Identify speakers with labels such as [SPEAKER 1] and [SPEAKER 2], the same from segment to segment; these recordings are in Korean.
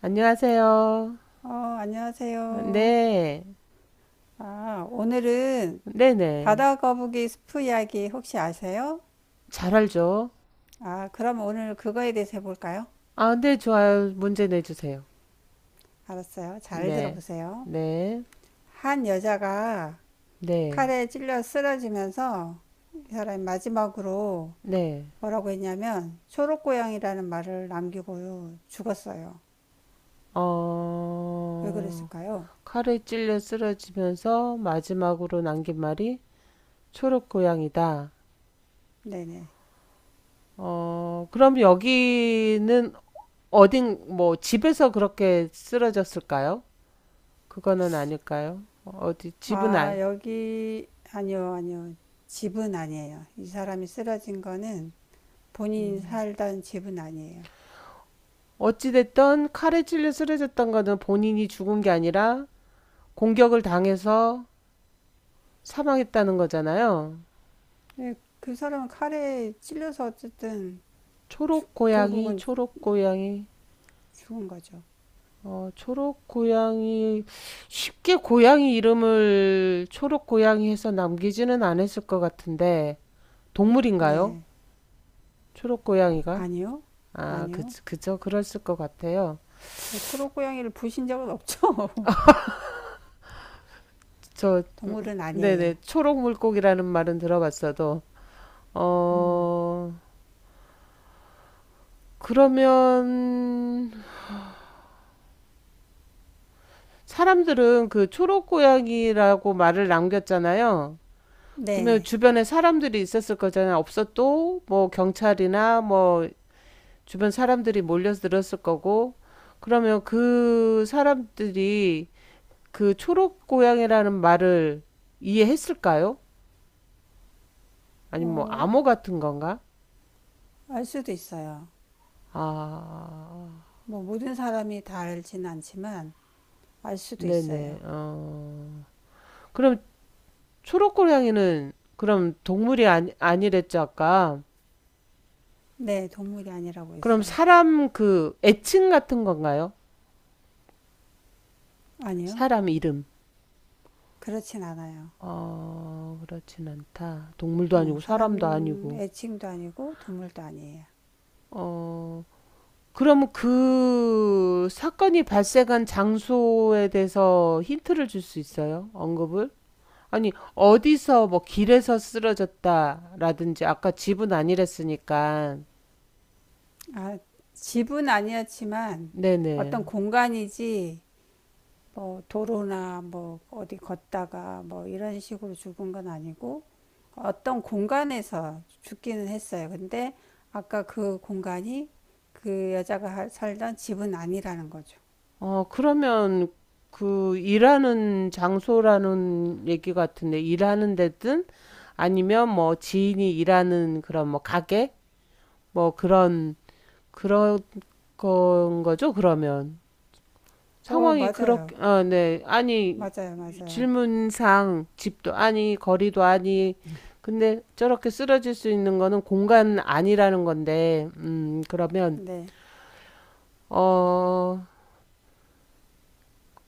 [SPEAKER 1] 안녕하세요.
[SPEAKER 2] 어, 안녕하세요.
[SPEAKER 1] 네.
[SPEAKER 2] 아, 오늘은
[SPEAKER 1] 네네.
[SPEAKER 2] 바다 거북이 스프 이야기 혹시 아세요?
[SPEAKER 1] 잘 알죠?
[SPEAKER 2] 아, 그럼 오늘 그거에 대해서 해볼까요?
[SPEAKER 1] 아, 네, 좋아요. 문제 내주세요.
[SPEAKER 2] 알았어요. 잘
[SPEAKER 1] 네.
[SPEAKER 2] 들어보세요.
[SPEAKER 1] 네.
[SPEAKER 2] 한 여자가
[SPEAKER 1] 네.
[SPEAKER 2] 칼에 찔려 쓰러지면서 이 사람이 마지막으로
[SPEAKER 1] 네.
[SPEAKER 2] 뭐라고 했냐면 초록고양이라는 말을 남기고 죽었어요. 왜
[SPEAKER 1] 어,
[SPEAKER 2] 그랬을까요?
[SPEAKER 1] 칼에 찔려 쓰러지면서 마지막으로 남긴 말이 초록 고양이다.
[SPEAKER 2] 네네.
[SPEAKER 1] 그럼 여기는 어딘, 뭐, 집에서 그렇게 쓰러졌을까요? 그거는 아닐까요? 어, 어디, 집은
[SPEAKER 2] 아,
[SPEAKER 1] 아,
[SPEAKER 2] 여기, 아니요, 아니요. 집은 아니에요. 이 사람이 쓰러진 거는 본인이 살던 집은 아니에요.
[SPEAKER 1] 어찌됐든 칼에 찔려 쓰러졌던 거는 본인이 죽은 게 아니라 공격을 당해서 사망했다는 거잖아요.
[SPEAKER 2] 근데 그 사람은 칼에 찔려서 어쨌든 주,
[SPEAKER 1] 초록 고양이,
[SPEAKER 2] 결국은
[SPEAKER 1] 초록 고양이,
[SPEAKER 2] 죽은 거죠.
[SPEAKER 1] 초록 고양이, 쉽게 고양이 이름을 초록 고양이 해서 남기지는 않았을 것 같은데, 동물인가요?
[SPEAKER 2] 네.
[SPEAKER 1] 초록 고양이가?
[SPEAKER 2] 아니요.
[SPEAKER 1] 아, 그,
[SPEAKER 2] 아니요.
[SPEAKER 1] 그죠. 그랬을 것 같아요.
[SPEAKER 2] 뭐 초록 고양이를 부신 적은 없죠.
[SPEAKER 1] 저,
[SPEAKER 2] 동물은 아니에요.
[SPEAKER 1] 네네. 초록 물고기라는 말은 들어봤어도, 어, 그러면, 사람들은 그 초록 고양이라고 말을 남겼잖아요. 그러면
[SPEAKER 2] 네.
[SPEAKER 1] 주변에 사람들이 있었을 거잖아요. 없어도 뭐 경찰이나 뭐 주변 사람들이 몰려들었을 거고. 그러면 그 사람들이 그 초록 고양이라는 말을 이해했을까요? 아니면 뭐 암호
[SPEAKER 2] 어,
[SPEAKER 1] 같은 건가?
[SPEAKER 2] 알 수도 있어요.
[SPEAKER 1] 아,
[SPEAKER 2] 뭐 모든 사람이 다 알진 않지만 알 수도 있어요.
[SPEAKER 1] 네네. 어. 그럼 초록 고양이는 그럼 동물이 아니, 아니랬죠, 아까.
[SPEAKER 2] 네, 동물이 아니라고
[SPEAKER 1] 그럼
[SPEAKER 2] 했어요.
[SPEAKER 1] 사람 그 애칭 같은 건가요?
[SPEAKER 2] 아니요.
[SPEAKER 1] 사람 이름.
[SPEAKER 2] 그렇진 않아요.
[SPEAKER 1] 어, 그렇진 않다. 동물도 아니고 사람도
[SPEAKER 2] 사람
[SPEAKER 1] 아니고.
[SPEAKER 2] 애칭도 아니고 동물도 아니에요.
[SPEAKER 1] 어, 그럼 그 사건이 발생한 장소에 대해서 힌트를 줄 수 있어요? 언급을? 아니, 어디서 뭐 길에서 쓰러졌다라든지 아까 집은 아니랬으니까.
[SPEAKER 2] 아, 집은 아니었지만 어떤
[SPEAKER 1] 네네.
[SPEAKER 2] 공간이지 뭐 도로나 뭐 어디 걷다가 뭐 이런 식으로 죽은 건 아니고 어떤 공간에서 죽기는 했어요. 근데 아까 그 공간이 그 여자가 살던 집은 아니라는 거죠.
[SPEAKER 1] 그러면 그 일하는 장소라는 얘기 같은데 일하는 데든 아니면 뭐 지인이 일하는 그런 뭐 가게 뭐 그런 그런 건 거죠, 그러면.
[SPEAKER 2] 어,
[SPEAKER 1] 상황이 그렇게
[SPEAKER 2] 맞아요.
[SPEAKER 1] 아, 네. 아니
[SPEAKER 2] 맞아요. 맞아요.
[SPEAKER 1] 질문상 집도 아니 거리도 아니 근데 저렇게 쓰러질 수 있는 거는 공간 아니라는 건데 그러면
[SPEAKER 2] 네.
[SPEAKER 1] 어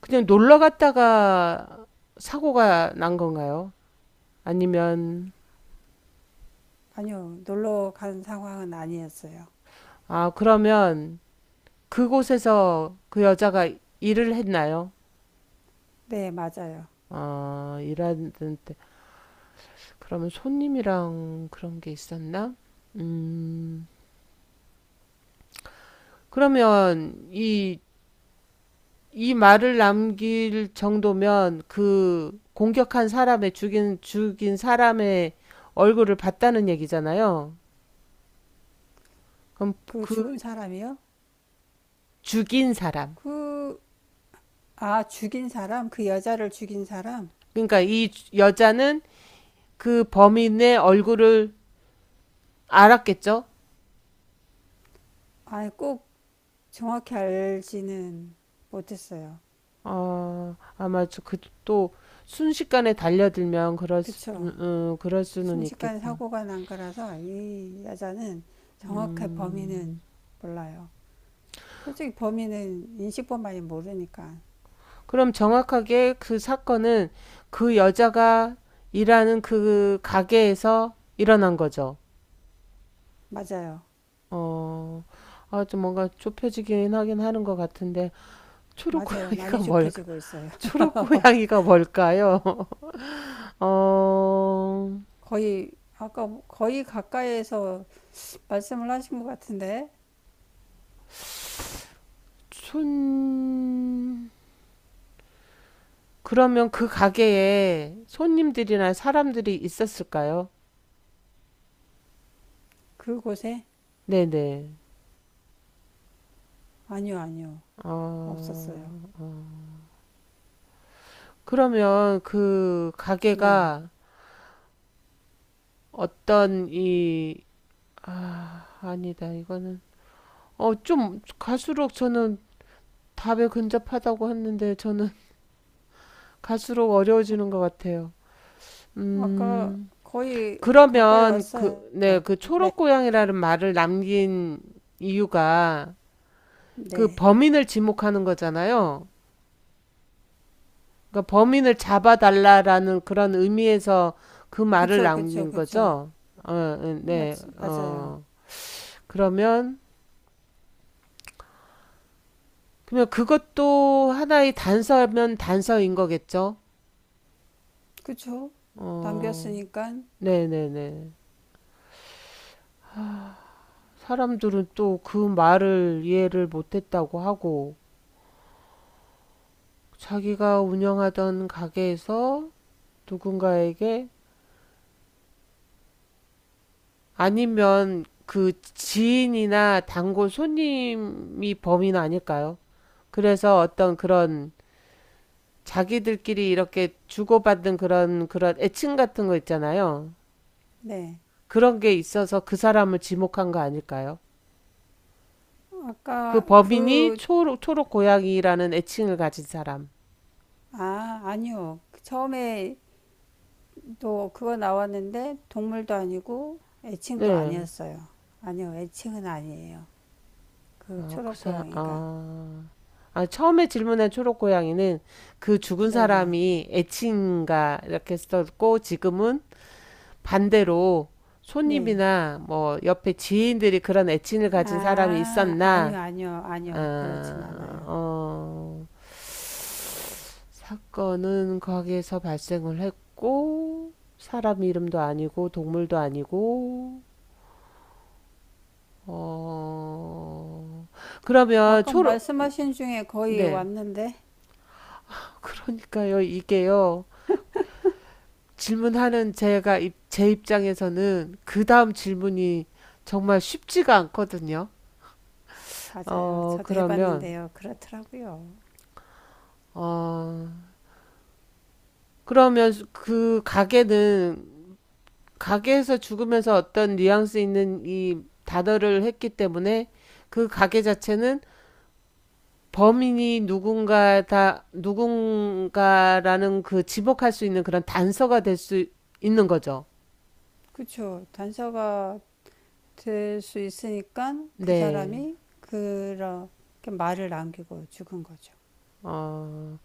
[SPEAKER 1] 그냥 놀러 갔다가 사고가 난 건가요? 아니면,
[SPEAKER 2] 아니요. 놀러 간 상황은 아니었어요.
[SPEAKER 1] 아, 그러면 그곳에서 그 여자가 일을 했나요?
[SPEAKER 2] 네, 맞아요.
[SPEAKER 1] 아, 일하는 때. 그러면 손님이랑 그런 게 있었나? 음, 그러면 이, 이 말을 남길 정도면 그 공격한 사람의 죽인, 죽인 사람의 얼굴을 봤다는 얘기잖아요. 그럼
[SPEAKER 2] 그
[SPEAKER 1] 그
[SPEAKER 2] 죽은 사람이요?
[SPEAKER 1] 죽인 사람.
[SPEAKER 2] 그, 아, 죽인 사람? 그 여자를 죽인 사람?
[SPEAKER 1] 그러니까 이 여자는 그 범인의 얼굴을 알았겠죠?
[SPEAKER 2] 아예 꼭 정확히 알지는 못했어요.
[SPEAKER 1] 아, 아마 저 그 또 순식간에 달려들면 그럴 수,
[SPEAKER 2] 그쵸.
[SPEAKER 1] 그럴 수는
[SPEAKER 2] 순식간에
[SPEAKER 1] 있겠다.
[SPEAKER 2] 사고가 난 거라서 이 여자는 정확한
[SPEAKER 1] 음.
[SPEAKER 2] 범인은 몰라요. 솔직히 범인은 인식법만이 모르니까.
[SPEAKER 1] 그럼 정확하게 그 사건은 그 여자가 일하는 그 가게에서 일어난 거죠.
[SPEAKER 2] 맞아요.
[SPEAKER 1] 어, 아, 좀 뭔가 좁혀지긴 하긴 하는 것 같은데, 초록고양이가
[SPEAKER 2] 많이
[SPEAKER 1] 뭘까?
[SPEAKER 2] 좁혀지고 있어요.
[SPEAKER 1] 초록고양이가 뭘까요? 어,
[SPEAKER 2] 거의, 아까 거의 가까이에서 말씀을 하신 것 같은데,
[SPEAKER 1] 순, 그러면 그 가게에 손님들이나 사람들이 있었을까요?
[SPEAKER 2] 그곳에?
[SPEAKER 1] 네네.
[SPEAKER 2] 아니요, 아니요.
[SPEAKER 1] 어,
[SPEAKER 2] 없었어요.
[SPEAKER 1] 그러면 그
[SPEAKER 2] 네.
[SPEAKER 1] 가게가 어떤 이, 아, 아니다. 이거는, 어, 좀 갈수록 저는 답에 근접하다고 했는데 저는 갈수록 어려워지는 것 같아요.
[SPEAKER 2] 아까
[SPEAKER 1] 음,
[SPEAKER 2] 거의 가까이
[SPEAKER 1] 그러면
[SPEAKER 2] 왔어요.
[SPEAKER 1] 그, 네, 그 초록 고양이라는 말을 남긴 이유가 그
[SPEAKER 2] 네.
[SPEAKER 1] 범인을 지목하는 거잖아요. 그러니까 범인을 잡아달라라는 그런 의미에서 그 말을
[SPEAKER 2] 그쵸, 그쵸,
[SPEAKER 1] 남긴
[SPEAKER 2] 그쵸.
[SPEAKER 1] 거죠. 어, 어,
[SPEAKER 2] 맞,
[SPEAKER 1] 네,
[SPEAKER 2] 맞아요.
[SPEAKER 1] 어. 그러면, 그러면 그것도 하나의 단서면 단서인 거겠죠?
[SPEAKER 2] 그쵸?
[SPEAKER 1] 어,
[SPEAKER 2] 남겼으니까,
[SPEAKER 1] 네네네. 사람들은 또 그 말을 이해를 못했다고 하고, 자기가 운영하던 가게에서 누군가에게 아니면 그 지인이나 단골 손님이 범인 아닐까요? 그래서 어떤 그런 자기들끼리 이렇게 주고받은 그런 애칭 같은 거 있잖아요.
[SPEAKER 2] 네.
[SPEAKER 1] 그런 게 있어서 그 사람을 지목한 거 아닐까요? 그
[SPEAKER 2] 아까
[SPEAKER 1] 범인이
[SPEAKER 2] 그,
[SPEAKER 1] 초록 고양이라는 애칭을 가진 사람.
[SPEAKER 2] 아, 아니요. 처음에 또 그거 나왔는데, 동물도 아니고, 애칭도
[SPEAKER 1] 네.
[SPEAKER 2] 아니었어요. 아니요, 애칭은 아니에요. 그
[SPEAKER 1] 아, 그 사,
[SPEAKER 2] 초록고양이가.
[SPEAKER 1] 아. 아, 처음에 질문한 초록 고양이는 그 죽은
[SPEAKER 2] 네네.
[SPEAKER 1] 사람이 애칭인가 이렇게 썼고 지금은 반대로
[SPEAKER 2] 네.
[SPEAKER 1] 손님이나 뭐 옆에 지인들이 그런 애칭을 가진 사람이
[SPEAKER 2] 아,
[SPEAKER 1] 있었나?
[SPEAKER 2] 아니요. 그렇진
[SPEAKER 1] 아,
[SPEAKER 2] 않아요.
[SPEAKER 1] 어. 사건은 가게에서 발생을 했고, 사람 이름도 아니고, 동물도 아니고, 어, 그러면
[SPEAKER 2] 아까
[SPEAKER 1] 초록,
[SPEAKER 2] 말씀하신 중에 거의
[SPEAKER 1] 네.
[SPEAKER 2] 왔는데,
[SPEAKER 1] 그러니까요, 이게요. 질문하는 제가, 제 입장에서는 그 다음 질문이 정말 쉽지가 않거든요.
[SPEAKER 2] 맞아요. 저도
[SPEAKER 1] 그러면,
[SPEAKER 2] 해봤는데요. 그렇더라고요.
[SPEAKER 1] 어, 그러면 그 가게는 가게에서 죽으면서 어떤 뉘앙스 있는 이 단어를 했기 때문에 그 가게 자체는 범인이 누군가 다 누군가라는 그 지목할 수 있는 그런 단서가 될 수 있는 거죠.
[SPEAKER 2] 그쵸. 단서가 될 수 있으니까 그
[SPEAKER 1] 네.
[SPEAKER 2] 사람이 그렇게 말을 남기고 죽은 거죠.
[SPEAKER 1] 어,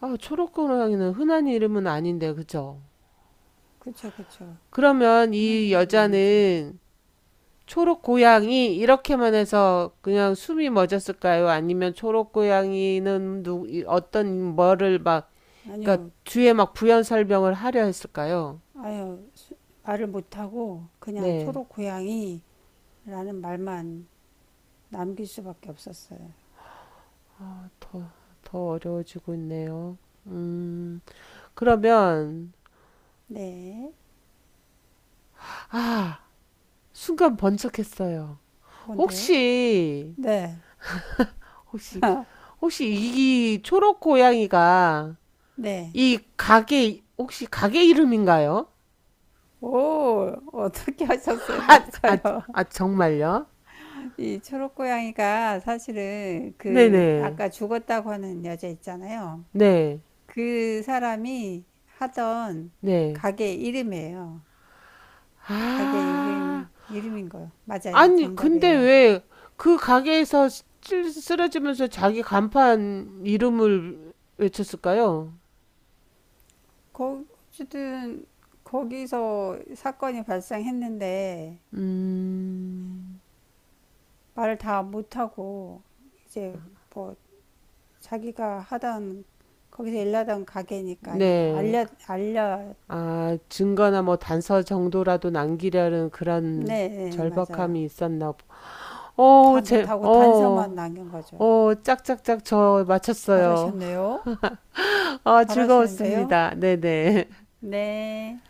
[SPEAKER 1] 아, 초록고양이는 흔한 이름은 아닌데, 그죠?
[SPEAKER 2] 그쵸, 그쵸.
[SPEAKER 1] 그러면
[SPEAKER 2] 하는
[SPEAKER 1] 이
[SPEAKER 2] 이름은 아니죠.
[SPEAKER 1] 여자는 초록고양이 이렇게만 해서 그냥 숨이 멎었을까요? 아니면 초록고양이는 누, 어떤 뭐를 막 그러니까
[SPEAKER 2] 아니요,
[SPEAKER 1] 뒤에 막 부연 설명을 하려 했을까요?
[SPEAKER 2] 아유, 말을 못하고 그냥
[SPEAKER 1] 네,
[SPEAKER 2] 초록 고양이라는 말만 남길 수밖에 없었어요.
[SPEAKER 1] 더 어려워지고 있네요. 음, 그러면
[SPEAKER 2] 네.
[SPEAKER 1] 아, 순간 번쩍했어요.
[SPEAKER 2] 뭔데요?
[SPEAKER 1] 혹시
[SPEAKER 2] 네.
[SPEAKER 1] 혹시 혹시 이 초록 고양이가
[SPEAKER 2] 네.
[SPEAKER 1] 이 가게 혹시 가게 이름인가요?
[SPEAKER 2] 오, 어떻게 하셨어요?
[SPEAKER 1] 아, 아,
[SPEAKER 2] 맞아요.
[SPEAKER 1] 아 정말요?
[SPEAKER 2] 이 초록 고양이가 사실은 그
[SPEAKER 1] 네네.
[SPEAKER 2] 아까 죽었다고 하는 여자 있잖아요.
[SPEAKER 1] 네.
[SPEAKER 2] 그 사람이 하던
[SPEAKER 1] 네.
[SPEAKER 2] 가게 이름이에요. 가게
[SPEAKER 1] 아.
[SPEAKER 2] 이름, 이름인 거요. 맞아요.
[SPEAKER 1] 아니, 근데
[SPEAKER 2] 정답이에요.
[SPEAKER 1] 왜 그 가게에서 쓰러지면서 자기 간판 이름을 외쳤을까요?
[SPEAKER 2] 거, 어쨌든, 거기서 사건이 발생했는데,
[SPEAKER 1] 음,
[SPEAKER 2] 말을 다 못하고, 이제 뭐, 자기가 하던, 거기서 일하던 가게니까, 이게
[SPEAKER 1] 네.
[SPEAKER 2] 알려,
[SPEAKER 1] 아, 증거나 뭐 단서 정도라도 남기려는 그런
[SPEAKER 2] 네, 네, 맞아요.
[SPEAKER 1] 절박함이 있었나 보.
[SPEAKER 2] 다
[SPEAKER 1] 어, 제,
[SPEAKER 2] 못하고 단서만
[SPEAKER 1] 어,
[SPEAKER 2] 남긴 거죠.
[SPEAKER 1] 어, 짝짝짝 저 맞췄어요.
[SPEAKER 2] 잘하셨네요.
[SPEAKER 1] 아,
[SPEAKER 2] 잘하시는데요.
[SPEAKER 1] 즐거웠습니다. 네네.
[SPEAKER 2] 네.